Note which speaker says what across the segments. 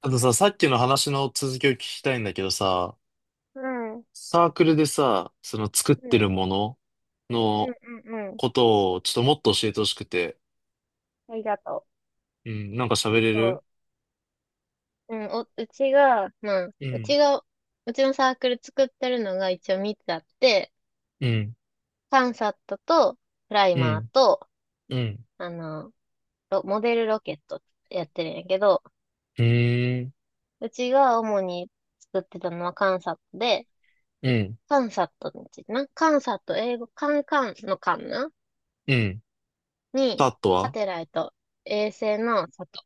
Speaker 1: あとさ、さっきの話の続きを聞きたいんだけどさ、
Speaker 2: うん、うん、
Speaker 1: サークルでさ、その作っ
Speaker 2: う
Speaker 1: てる
Speaker 2: ん、
Speaker 1: もの
Speaker 2: う
Speaker 1: の
Speaker 2: ん、うん。
Speaker 1: ことをちょっともっと教えてほしくて。
Speaker 2: ありがとう。
Speaker 1: うん、なんか喋れ
Speaker 2: そ
Speaker 1: る。
Speaker 2: う。うん、うちが、まあ、
Speaker 1: う
Speaker 2: う
Speaker 1: ん、
Speaker 2: ちが、うちのサークル作ってるのが一応3つあって、
Speaker 1: うん、
Speaker 2: カンサットと、プライ
Speaker 1: う
Speaker 2: マー
Speaker 1: ん、
Speaker 2: と、
Speaker 1: うん、
Speaker 2: あの、ロモデルロケットってやってるんやけど、
Speaker 1: うーん、
Speaker 2: うちが主に作ってたのはカンサットで、
Speaker 1: うん、
Speaker 2: カンサットについてな、カンサット、英語、カンカンのカンな
Speaker 1: うん。タ
Speaker 2: に、
Speaker 1: ット
Speaker 2: サ
Speaker 1: は。
Speaker 2: テライト、衛星の里。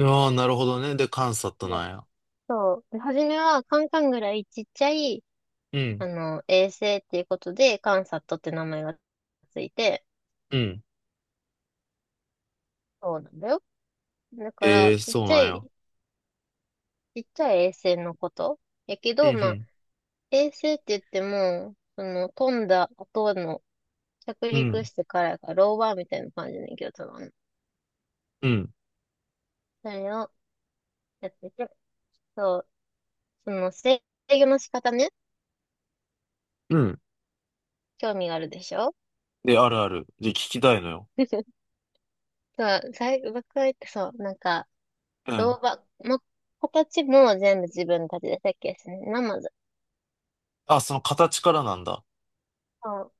Speaker 1: ああ、ー、なるほどね。で、カンサット
Speaker 2: で
Speaker 1: なんや。
Speaker 2: そう。で初めはカンカンぐらいちっちゃい、
Speaker 1: うん、
Speaker 2: 衛星っていうことで、カンサットって名前がついて、
Speaker 1: うん。
Speaker 2: そうなんだよ。だか
Speaker 1: ええ、
Speaker 2: ら、
Speaker 1: ー、
Speaker 2: ちっ
Speaker 1: そう
Speaker 2: ち
Speaker 1: な
Speaker 2: ゃ
Speaker 1: ん
Speaker 2: い、
Speaker 1: や。
Speaker 2: ちっちゃい衛星のこと。やけ
Speaker 1: う
Speaker 2: ど、まあ、
Speaker 1: ん、
Speaker 2: 衛星って言っても、飛んだ後の、着
Speaker 1: う
Speaker 2: 陸
Speaker 1: ん、
Speaker 2: してからやから、ローバーみたいな感じで、けど、多分。
Speaker 1: うん、
Speaker 2: それをやってて、そう、制御の仕方ね、
Speaker 1: うん。
Speaker 2: 興味があるでしょ。
Speaker 1: で、あるある。で、聞きたいのよ。
Speaker 2: そう、最後、僕は言って、そう、なんか、
Speaker 1: う
Speaker 2: ロ
Speaker 1: ん。
Speaker 2: ーバー、ま、形も全部自分たちで設計してね、まず。
Speaker 1: あ、その形からなんだ。
Speaker 2: そ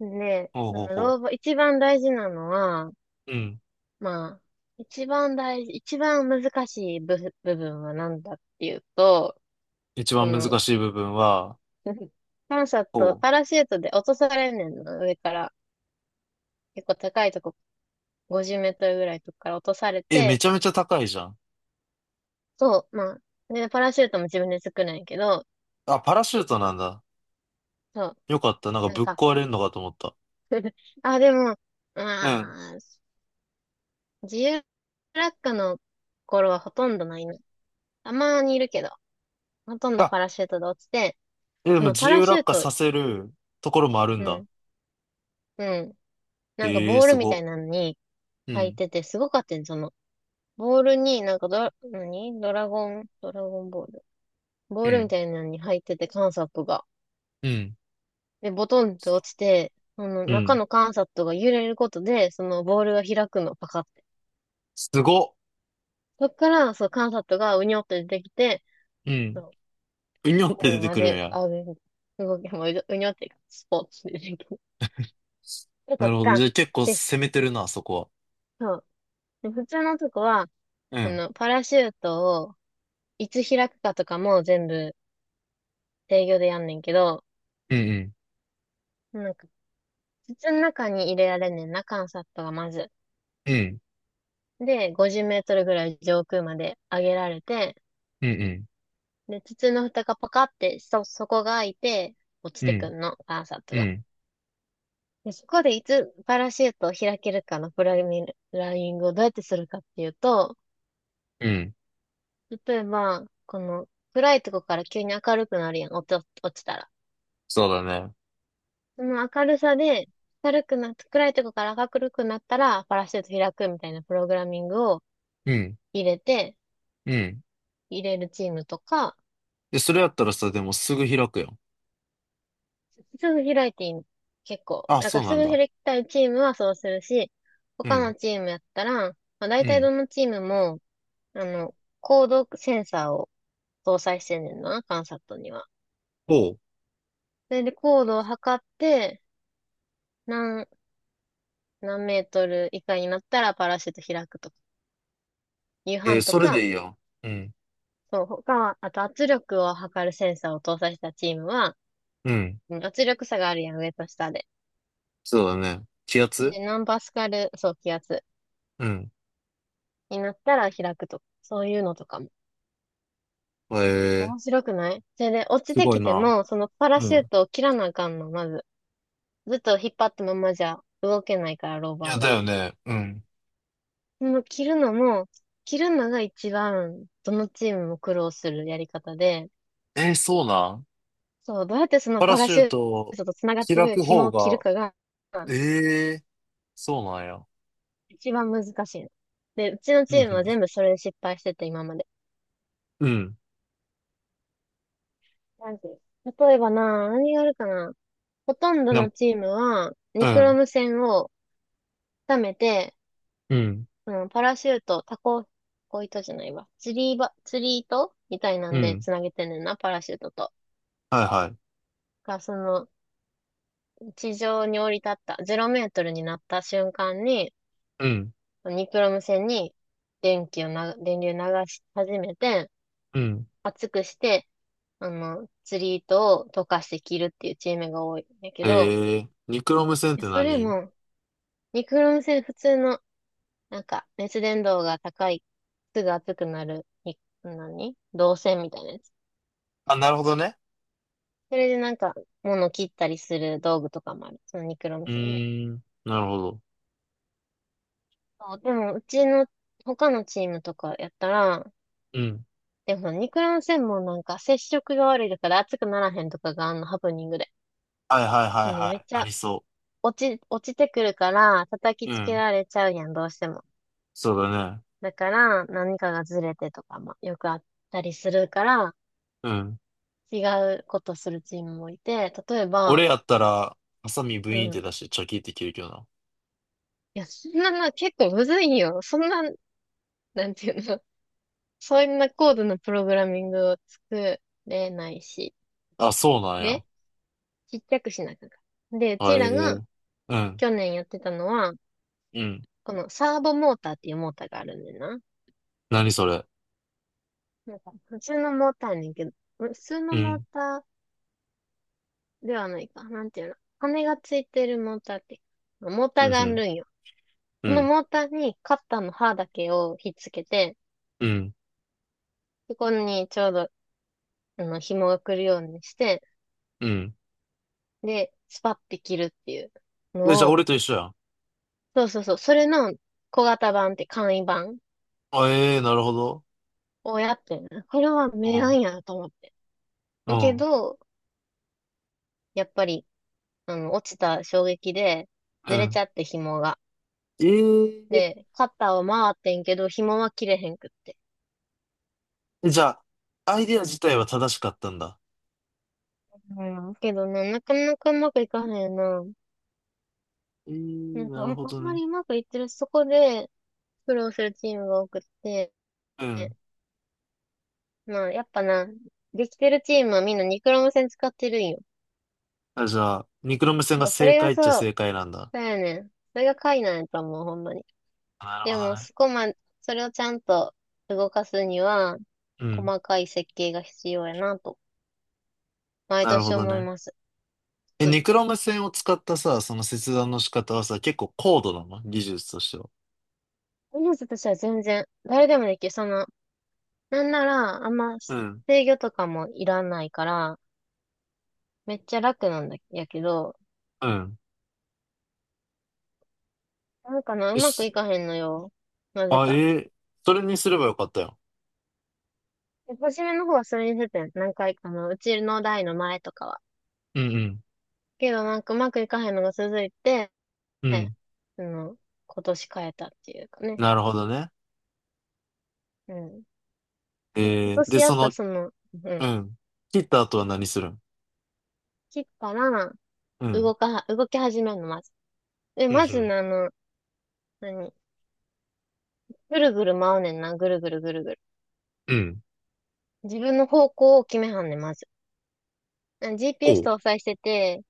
Speaker 2: うで、
Speaker 1: ほうほうほ
Speaker 2: 老後、一番大事なのは、
Speaker 1: う。うん。
Speaker 2: まあ、一番難しい部、部分は何だっていうと、
Speaker 1: 一
Speaker 2: そ
Speaker 1: 番難
Speaker 2: の、
Speaker 1: しい部分は、
Speaker 2: パンサット、
Speaker 1: お
Speaker 2: パ
Speaker 1: う。
Speaker 2: ラシュートで落とされんねんの、上から。結構高いとこ、50メートルぐらいとこから落とされ
Speaker 1: え、め
Speaker 2: て、
Speaker 1: ちゃめちゃ高いじゃん。
Speaker 2: そう、まあ、で、パラシュートも自分で作るんやけど、
Speaker 1: あ、パラシュートなんだ。
Speaker 2: そう、
Speaker 1: よかった。なんか
Speaker 2: なん
Speaker 1: ぶっ
Speaker 2: か、
Speaker 1: 壊れるのかと思った。
Speaker 2: あ、でも、
Speaker 1: うん。
Speaker 2: まあ、自由落下の頃はほとんどないな。たまにいるけど、ほとんど
Speaker 1: あ、
Speaker 2: パラシュートで落ちて、
Speaker 1: え、で
Speaker 2: そ
Speaker 1: も
Speaker 2: の
Speaker 1: 自
Speaker 2: パラ
Speaker 1: 由
Speaker 2: シュ
Speaker 1: 落
Speaker 2: ー
Speaker 1: 下
Speaker 2: ト、
Speaker 1: させるところもあるん
Speaker 2: う
Speaker 1: だ。
Speaker 2: ん、うん。なんか
Speaker 1: ええ、
Speaker 2: ボール
Speaker 1: す
Speaker 2: みたい
Speaker 1: ご。
Speaker 2: なのに
Speaker 1: う
Speaker 2: 入っ
Speaker 1: ん。
Speaker 2: てて、すごかったんその、ボールになんか何ドラゴン、ドラゴンボール。ボ
Speaker 1: う
Speaker 2: ールみ
Speaker 1: ん。
Speaker 2: たいなのに入ってて、観察が。
Speaker 1: うん。
Speaker 2: で、ボトンって落ちて、その
Speaker 1: う
Speaker 2: 中
Speaker 1: ん。
Speaker 2: の観察が揺れることで、そのボールが開くの、パカって。
Speaker 1: すご。
Speaker 2: そっから、そう、観察がうにょって出てきて、
Speaker 1: う
Speaker 2: そ
Speaker 1: ん。
Speaker 2: う
Speaker 1: うにょっ
Speaker 2: ゴ
Speaker 1: て
Speaker 2: ール
Speaker 1: 出て
Speaker 2: ま
Speaker 1: くるん
Speaker 2: で、
Speaker 1: や。
Speaker 2: あ、動きもううにょって、スポーツでできる。よか
Speaker 1: な
Speaker 2: っ
Speaker 1: るほど。じゃ
Speaker 2: た。
Speaker 1: あ結構
Speaker 2: で、
Speaker 1: 攻めてるな、そこは。
Speaker 2: そう。で普通のとこは、
Speaker 1: うん。
Speaker 2: パラシュートをいつ開くかとかも全部制御でやんねんけど、
Speaker 1: うん
Speaker 2: なんか、筒の中に入れられんねんな、缶サットがまず。
Speaker 1: うん。うん。
Speaker 2: で、50メートルぐらい上空まで上げられて、
Speaker 1: うん
Speaker 2: で、筒の蓋がパカって底が開いて落ち
Speaker 1: う
Speaker 2: てく
Speaker 1: ん。
Speaker 2: んの、缶サット
Speaker 1: う
Speaker 2: が。
Speaker 1: ん。
Speaker 2: で、そこでいつパラシュートを開けるかのプログラミライングをどうやってするかっていうと、
Speaker 1: うん。
Speaker 2: 例えば、この暗いとこから急に明るくなるやん、落ちたら。
Speaker 1: そうだね。
Speaker 2: その明るさで、明るくなっ暗いとこから明るくなったら、パラシュート開くみたいなプログラミングを
Speaker 1: うん。
Speaker 2: 入れて、
Speaker 1: うん。
Speaker 2: 入れるチームとか、
Speaker 1: で、それやったらさ、でもすぐ開くよ。
Speaker 2: すぐ開いていいの。結構。
Speaker 1: あ、
Speaker 2: だか
Speaker 1: そう
Speaker 2: らす
Speaker 1: なん
Speaker 2: ぐ
Speaker 1: だ。
Speaker 2: 開きたいチームはそうするし、
Speaker 1: う
Speaker 2: 他
Speaker 1: ん。
Speaker 2: のチームやったら、まあ、大
Speaker 1: う
Speaker 2: 体
Speaker 1: ん。
Speaker 2: どのチームも、コードセンサーを搭載してんねんな、カンサットには。
Speaker 1: おう。
Speaker 2: それでコードを測って、何、何メートル以下になったらパラシュート開くとか、夕
Speaker 1: えー、
Speaker 2: 飯と
Speaker 1: それ
Speaker 2: か、
Speaker 1: でいいよ。うん。
Speaker 2: そう、他、あと圧力を測るセンサーを搭載したチームは、
Speaker 1: うん。
Speaker 2: うん圧力差があるやん、上と下で。
Speaker 1: そうだね。気圧。
Speaker 2: で、何パスカル、そう、気圧
Speaker 1: うん。
Speaker 2: になったら開くとか、そういうのとかも。
Speaker 1: えー、
Speaker 2: 面白くないそれで、落ち
Speaker 1: す
Speaker 2: て
Speaker 1: ごい
Speaker 2: きて
Speaker 1: な。
Speaker 2: も、そのパラ
Speaker 1: う
Speaker 2: シュー
Speaker 1: ん。
Speaker 2: トを切らなあかんの、まず。ずっと引っ張ったままじゃ動けないから、ロー
Speaker 1: い
Speaker 2: バ
Speaker 1: や、
Speaker 2: ー
Speaker 1: だ
Speaker 2: が。
Speaker 1: よね。うん。
Speaker 2: その切るのも、切るのが一番、どのチームも苦労するやり方で、
Speaker 1: えー、そうなん。
Speaker 2: そう、どうやってその
Speaker 1: パラ
Speaker 2: パラ
Speaker 1: シュ
Speaker 2: シ
Speaker 1: ー
Speaker 2: ュー
Speaker 1: ト
Speaker 2: トと繋がって
Speaker 1: 開
Speaker 2: る
Speaker 1: く
Speaker 2: 紐
Speaker 1: 方
Speaker 2: を切る
Speaker 1: が、
Speaker 2: かが、
Speaker 1: えー、そうなんや。
Speaker 2: 一番難しいの。で、うちの
Speaker 1: う
Speaker 2: チームは
Speaker 1: ん。
Speaker 2: 全部それで失敗してて、今まで。
Speaker 1: うん。うん
Speaker 2: なんていう例えばな、何があるかな。ほとんど
Speaker 1: なん、
Speaker 2: のチームは、
Speaker 1: う
Speaker 2: ニクロ
Speaker 1: ん。
Speaker 2: ム線を溜めて、
Speaker 1: うん。
Speaker 2: うん、パラシュート、タコ糸じゃないわ。釣り糸みたいな
Speaker 1: う
Speaker 2: んで
Speaker 1: ん。
Speaker 2: 繋げてんねんな、パラシュートと。
Speaker 1: はいはい。
Speaker 2: が、地上に降り立った、0メートルになった瞬間に、
Speaker 1: うん。
Speaker 2: ニクロム線に電気をな、電流流し始めて、
Speaker 1: うん。
Speaker 2: 厚くして、釣り糸を溶かして着るっていうチームが多いんだけ
Speaker 1: え
Speaker 2: ど、
Speaker 1: ー、ニクロム線っ
Speaker 2: いや
Speaker 1: て
Speaker 2: それ
Speaker 1: 何。
Speaker 2: も、ニクロン線普通の、なんか、熱伝導が高い、すぐ熱くなる、に何導線みたいなやつ。
Speaker 1: あ、なるほどね。
Speaker 2: それでなんか、物切ったりする道具とかもある。そのニクロ
Speaker 1: う
Speaker 2: ン線で。
Speaker 1: ーん。なるほど。
Speaker 2: そう、でも、うちの、他のチームとかやったら、
Speaker 1: うん。
Speaker 2: でもニクロン線もなんか接触が悪いだから熱くならへんとかがあんのハプニングで。
Speaker 1: はいはいはい
Speaker 2: もう
Speaker 1: は
Speaker 2: めっ
Speaker 1: い。
Speaker 2: ち
Speaker 1: あ
Speaker 2: ゃ
Speaker 1: りそ
Speaker 2: 落ちてくるから、叩き
Speaker 1: う。う
Speaker 2: つけ
Speaker 1: ん。
Speaker 2: られちゃうやん、どうしても。
Speaker 1: そうだね。
Speaker 2: だから、何かがずれてとかもよくあったりするから、
Speaker 1: うん。
Speaker 2: 違うことするチームもいて、例えば、
Speaker 1: 俺やったら、ハサミブ
Speaker 2: う
Speaker 1: イーンって
Speaker 2: ん。
Speaker 1: 出してチョキって切るけどな。
Speaker 2: いや、そんなの結構むずいんよ。そんな、なんていうの、そんな高度なプログラミングを作れないし、
Speaker 1: あ、そうなんや。
Speaker 2: で、ちっちゃくしなきゃいけないで、う
Speaker 1: あ、
Speaker 2: ち
Speaker 1: え
Speaker 2: らが
Speaker 1: え、うん、
Speaker 2: 去年やってたのは、
Speaker 1: うん。
Speaker 2: このサーボモーターっていうモーターがあるんだよな。
Speaker 1: 何それ。
Speaker 2: なんか、普通のモーターやねんけど、普通
Speaker 1: う
Speaker 2: のモー
Speaker 1: ん、
Speaker 2: ターではないか。なんていうの。羽がついてるモーターって。モータ
Speaker 1: うん、
Speaker 2: ー
Speaker 1: う
Speaker 2: があ
Speaker 1: ん、
Speaker 2: るんよ。
Speaker 1: う
Speaker 2: その
Speaker 1: ん、
Speaker 2: モーターにカッターの刃だけをひっつけて、
Speaker 1: うん、
Speaker 2: そこにちょうど、紐が来るようにして、
Speaker 1: うん。
Speaker 2: で、スパッて切るっていう
Speaker 1: え、じゃあ
Speaker 2: のを、
Speaker 1: 俺と一緒やん。
Speaker 2: そうそうそう、それの小型版って簡易版
Speaker 1: あ、ええ、なるほど。
Speaker 2: をやってんなこれは
Speaker 1: う
Speaker 2: 名
Speaker 1: ん、
Speaker 2: 案やなと思って。
Speaker 1: う
Speaker 2: け
Speaker 1: ん、
Speaker 2: ど、やっぱり、落ちた衝撃で、
Speaker 1: う
Speaker 2: ずれち
Speaker 1: ん。
Speaker 2: ゃって紐が。
Speaker 1: え
Speaker 2: で、カッターは回ってんけど、紐は切れへんくって。
Speaker 1: え、じゃあ、アイデア自体は正しかったんだ。
Speaker 2: うん。けどな、なかなかうまくいかへんな。
Speaker 1: え
Speaker 2: な
Speaker 1: え、
Speaker 2: んか、
Speaker 1: なる
Speaker 2: あん
Speaker 1: ほど
Speaker 2: ま
Speaker 1: ね。
Speaker 2: りうまくいってる、そこで苦労するチームが多くって、
Speaker 1: うん。
Speaker 2: まあ、やっぱな、できてるチームはみんなニクロム線使ってるんよ。
Speaker 1: あ、じゃあ、ニクロム線
Speaker 2: なん
Speaker 1: が
Speaker 2: かそ
Speaker 1: 正
Speaker 2: れが
Speaker 1: 解っちゃ
Speaker 2: そう、
Speaker 1: 正解なんだ。
Speaker 2: そうやねん。それが解なんやと思う、ほんまに。
Speaker 1: なる
Speaker 2: で
Speaker 1: ほど
Speaker 2: も、
Speaker 1: ね。
Speaker 2: そこま、それをちゃんと動かすには、
Speaker 1: うん、
Speaker 2: 細かい設計が必要やなと、毎
Speaker 1: なるほ
Speaker 2: 年
Speaker 1: ど
Speaker 2: 思い
Speaker 1: ね。
Speaker 2: ます。つ
Speaker 1: え、
Speaker 2: く
Speaker 1: ニ
Speaker 2: づく
Speaker 1: クロム線を使ったさ、その切断の仕方はさ、結構高度なの技術としては。
Speaker 2: 思います私は全然、誰でもできる。なんなら、あんま
Speaker 1: うん。
Speaker 2: 制御とかもいらないから、めっちゃ楽なんだやけど、
Speaker 1: うん。
Speaker 2: なんかな、う
Speaker 1: え、
Speaker 2: まくいかへんのよ。なぜ
Speaker 1: あ、え
Speaker 2: か。
Speaker 1: ー、それにすればよかったよ。
Speaker 2: で初めの方はそれにせてん、何回かの、うちの代の前とかは。
Speaker 1: うん
Speaker 2: けどなんかうまくいかへんのが続いて、
Speaker 1: うん。うん。
Speaker 2: その、今年変えたっていうかね。
Speaker 1: なるほどね。
Speaker 2: うん。今
Speaker 1: えー、
Speaker 2: 年
Speaker 1: で、
Speaker 2: やっ
Speaker 1: そ
Speaker 2: た
Speaker 1: の、
Speaker 2: うん。
Speaker 1: うん。切った後は何するん。
Speaker 2: 切ったら、
Speaker 1: うん。
Speaker 2: 動かは、動き始めるの、まず。で、
Speaker 1: うんう
Speaker 2: まず
Speaker 1: ん。
Speaker 2: ね、何ぐるぐる回うねんな、ぐるぐるぐるぐる。
Speaker 1: うん。
Speaker 2: 自分の方向を決めはんねん、まず。
Speaker 1: お
Speaker 2: GPS
Speaker 1: う。
Speaker 2: 搭載してて、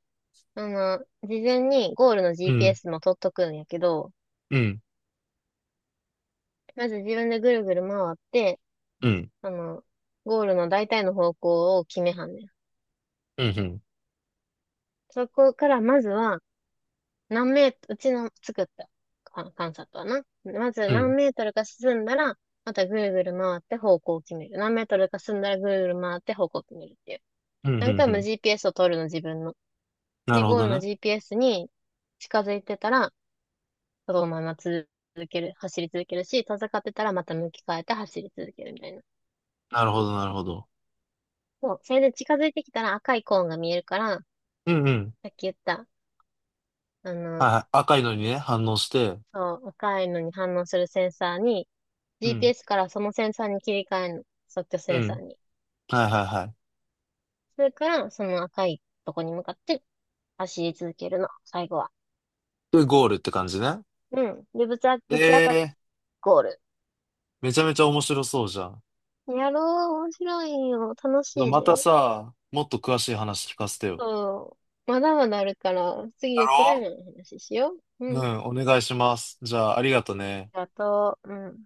Speaker 2: 事前にゴールの
Speaker 1: うん。
Speaker 2: GPS も取っとくんやけど、
Speaker 1: うん。
Speaker 2: まず自分でぐるぐる回って、
Speaker 1: うん。
Speaker 2: あの、ゴールの大体の方向を決めはんねん。
Speaker 1: うんうん。
Speaker 2: そこからまずは、何メートル、うちの作ったか観察はな。まず
Speaker 1: う
Speaker 2: 何
Speaker 1: ん。
Speaker 2: メートルか進んだら、またぐるぐる回って方向を決める。何メートルか進んだらぐるぐる回って方向を決めるっていう。
Speaker 1: うんうんう
Speaker 2: 何回も
Speaker 1: ん。
Speaker 2: GPS を取るの自分の。
Speaker 1: な
Speaker 2: で、
Speaker 1: るほ
Speaker 2: ゴー
Speaker 1: ど
Speaker 2: ルの
Speaker 1: ね。
Speaker 2: GPS に近づいてたら、そのまま続ける、走り続けるし、遠ざかってたらまた向き変えて走り続けるみたいな。
Speaker 1: なるほど、なるほど。
Speaker 2: そう。それで近づいてきたら赤いコーンが見えるから、
Speaker 1: うんうん。
Speaker 2: さっき言った、あ
Speaker 1: は
Speaker 2: の、
Speaker 1: いはい。赤いのにね、反応して。
Speaker 2: そう、赤いのに反応するセンサーに、
Speaker 1: うん。
Speaker 2: GPS からそのセンサーに切り替えるの。即興セ
Speaker 1: う
Speaker 2: ンサー
Speaker 1: ん。
Speaker 2: に。
Speaker 1: はいはいはい。
Speaker 2: それから、その赤いとこに向かって走り続けるの。最後は。
Speaker 1: で、ゴールって感じね。
Speaker 2: うん。で、ぶち当たっ
Speaker 1: ええ、
Speaker 2: ゴール。
Speaker 1: めちゃめちゃ面白そうじゃん。
Speaker 2: やろう。面白いよ。楽しい
Speaker 1: また
Speaker 2: で。
Speaker 1: さ、もっと詳しい話聞かせてよ。
Speaker 2: そう。まだまだあるから、次
Speaker 1: だ
Speaker 2: はクライ
Speaker 1: ろ。
Speaker 2: マーの話しよう。
Speaker 1: う
Speaker 2: うん。
Speaker 1: ん、お願いします。じゃあ、ありがとね。
Speaker 2: ありがとう。うん。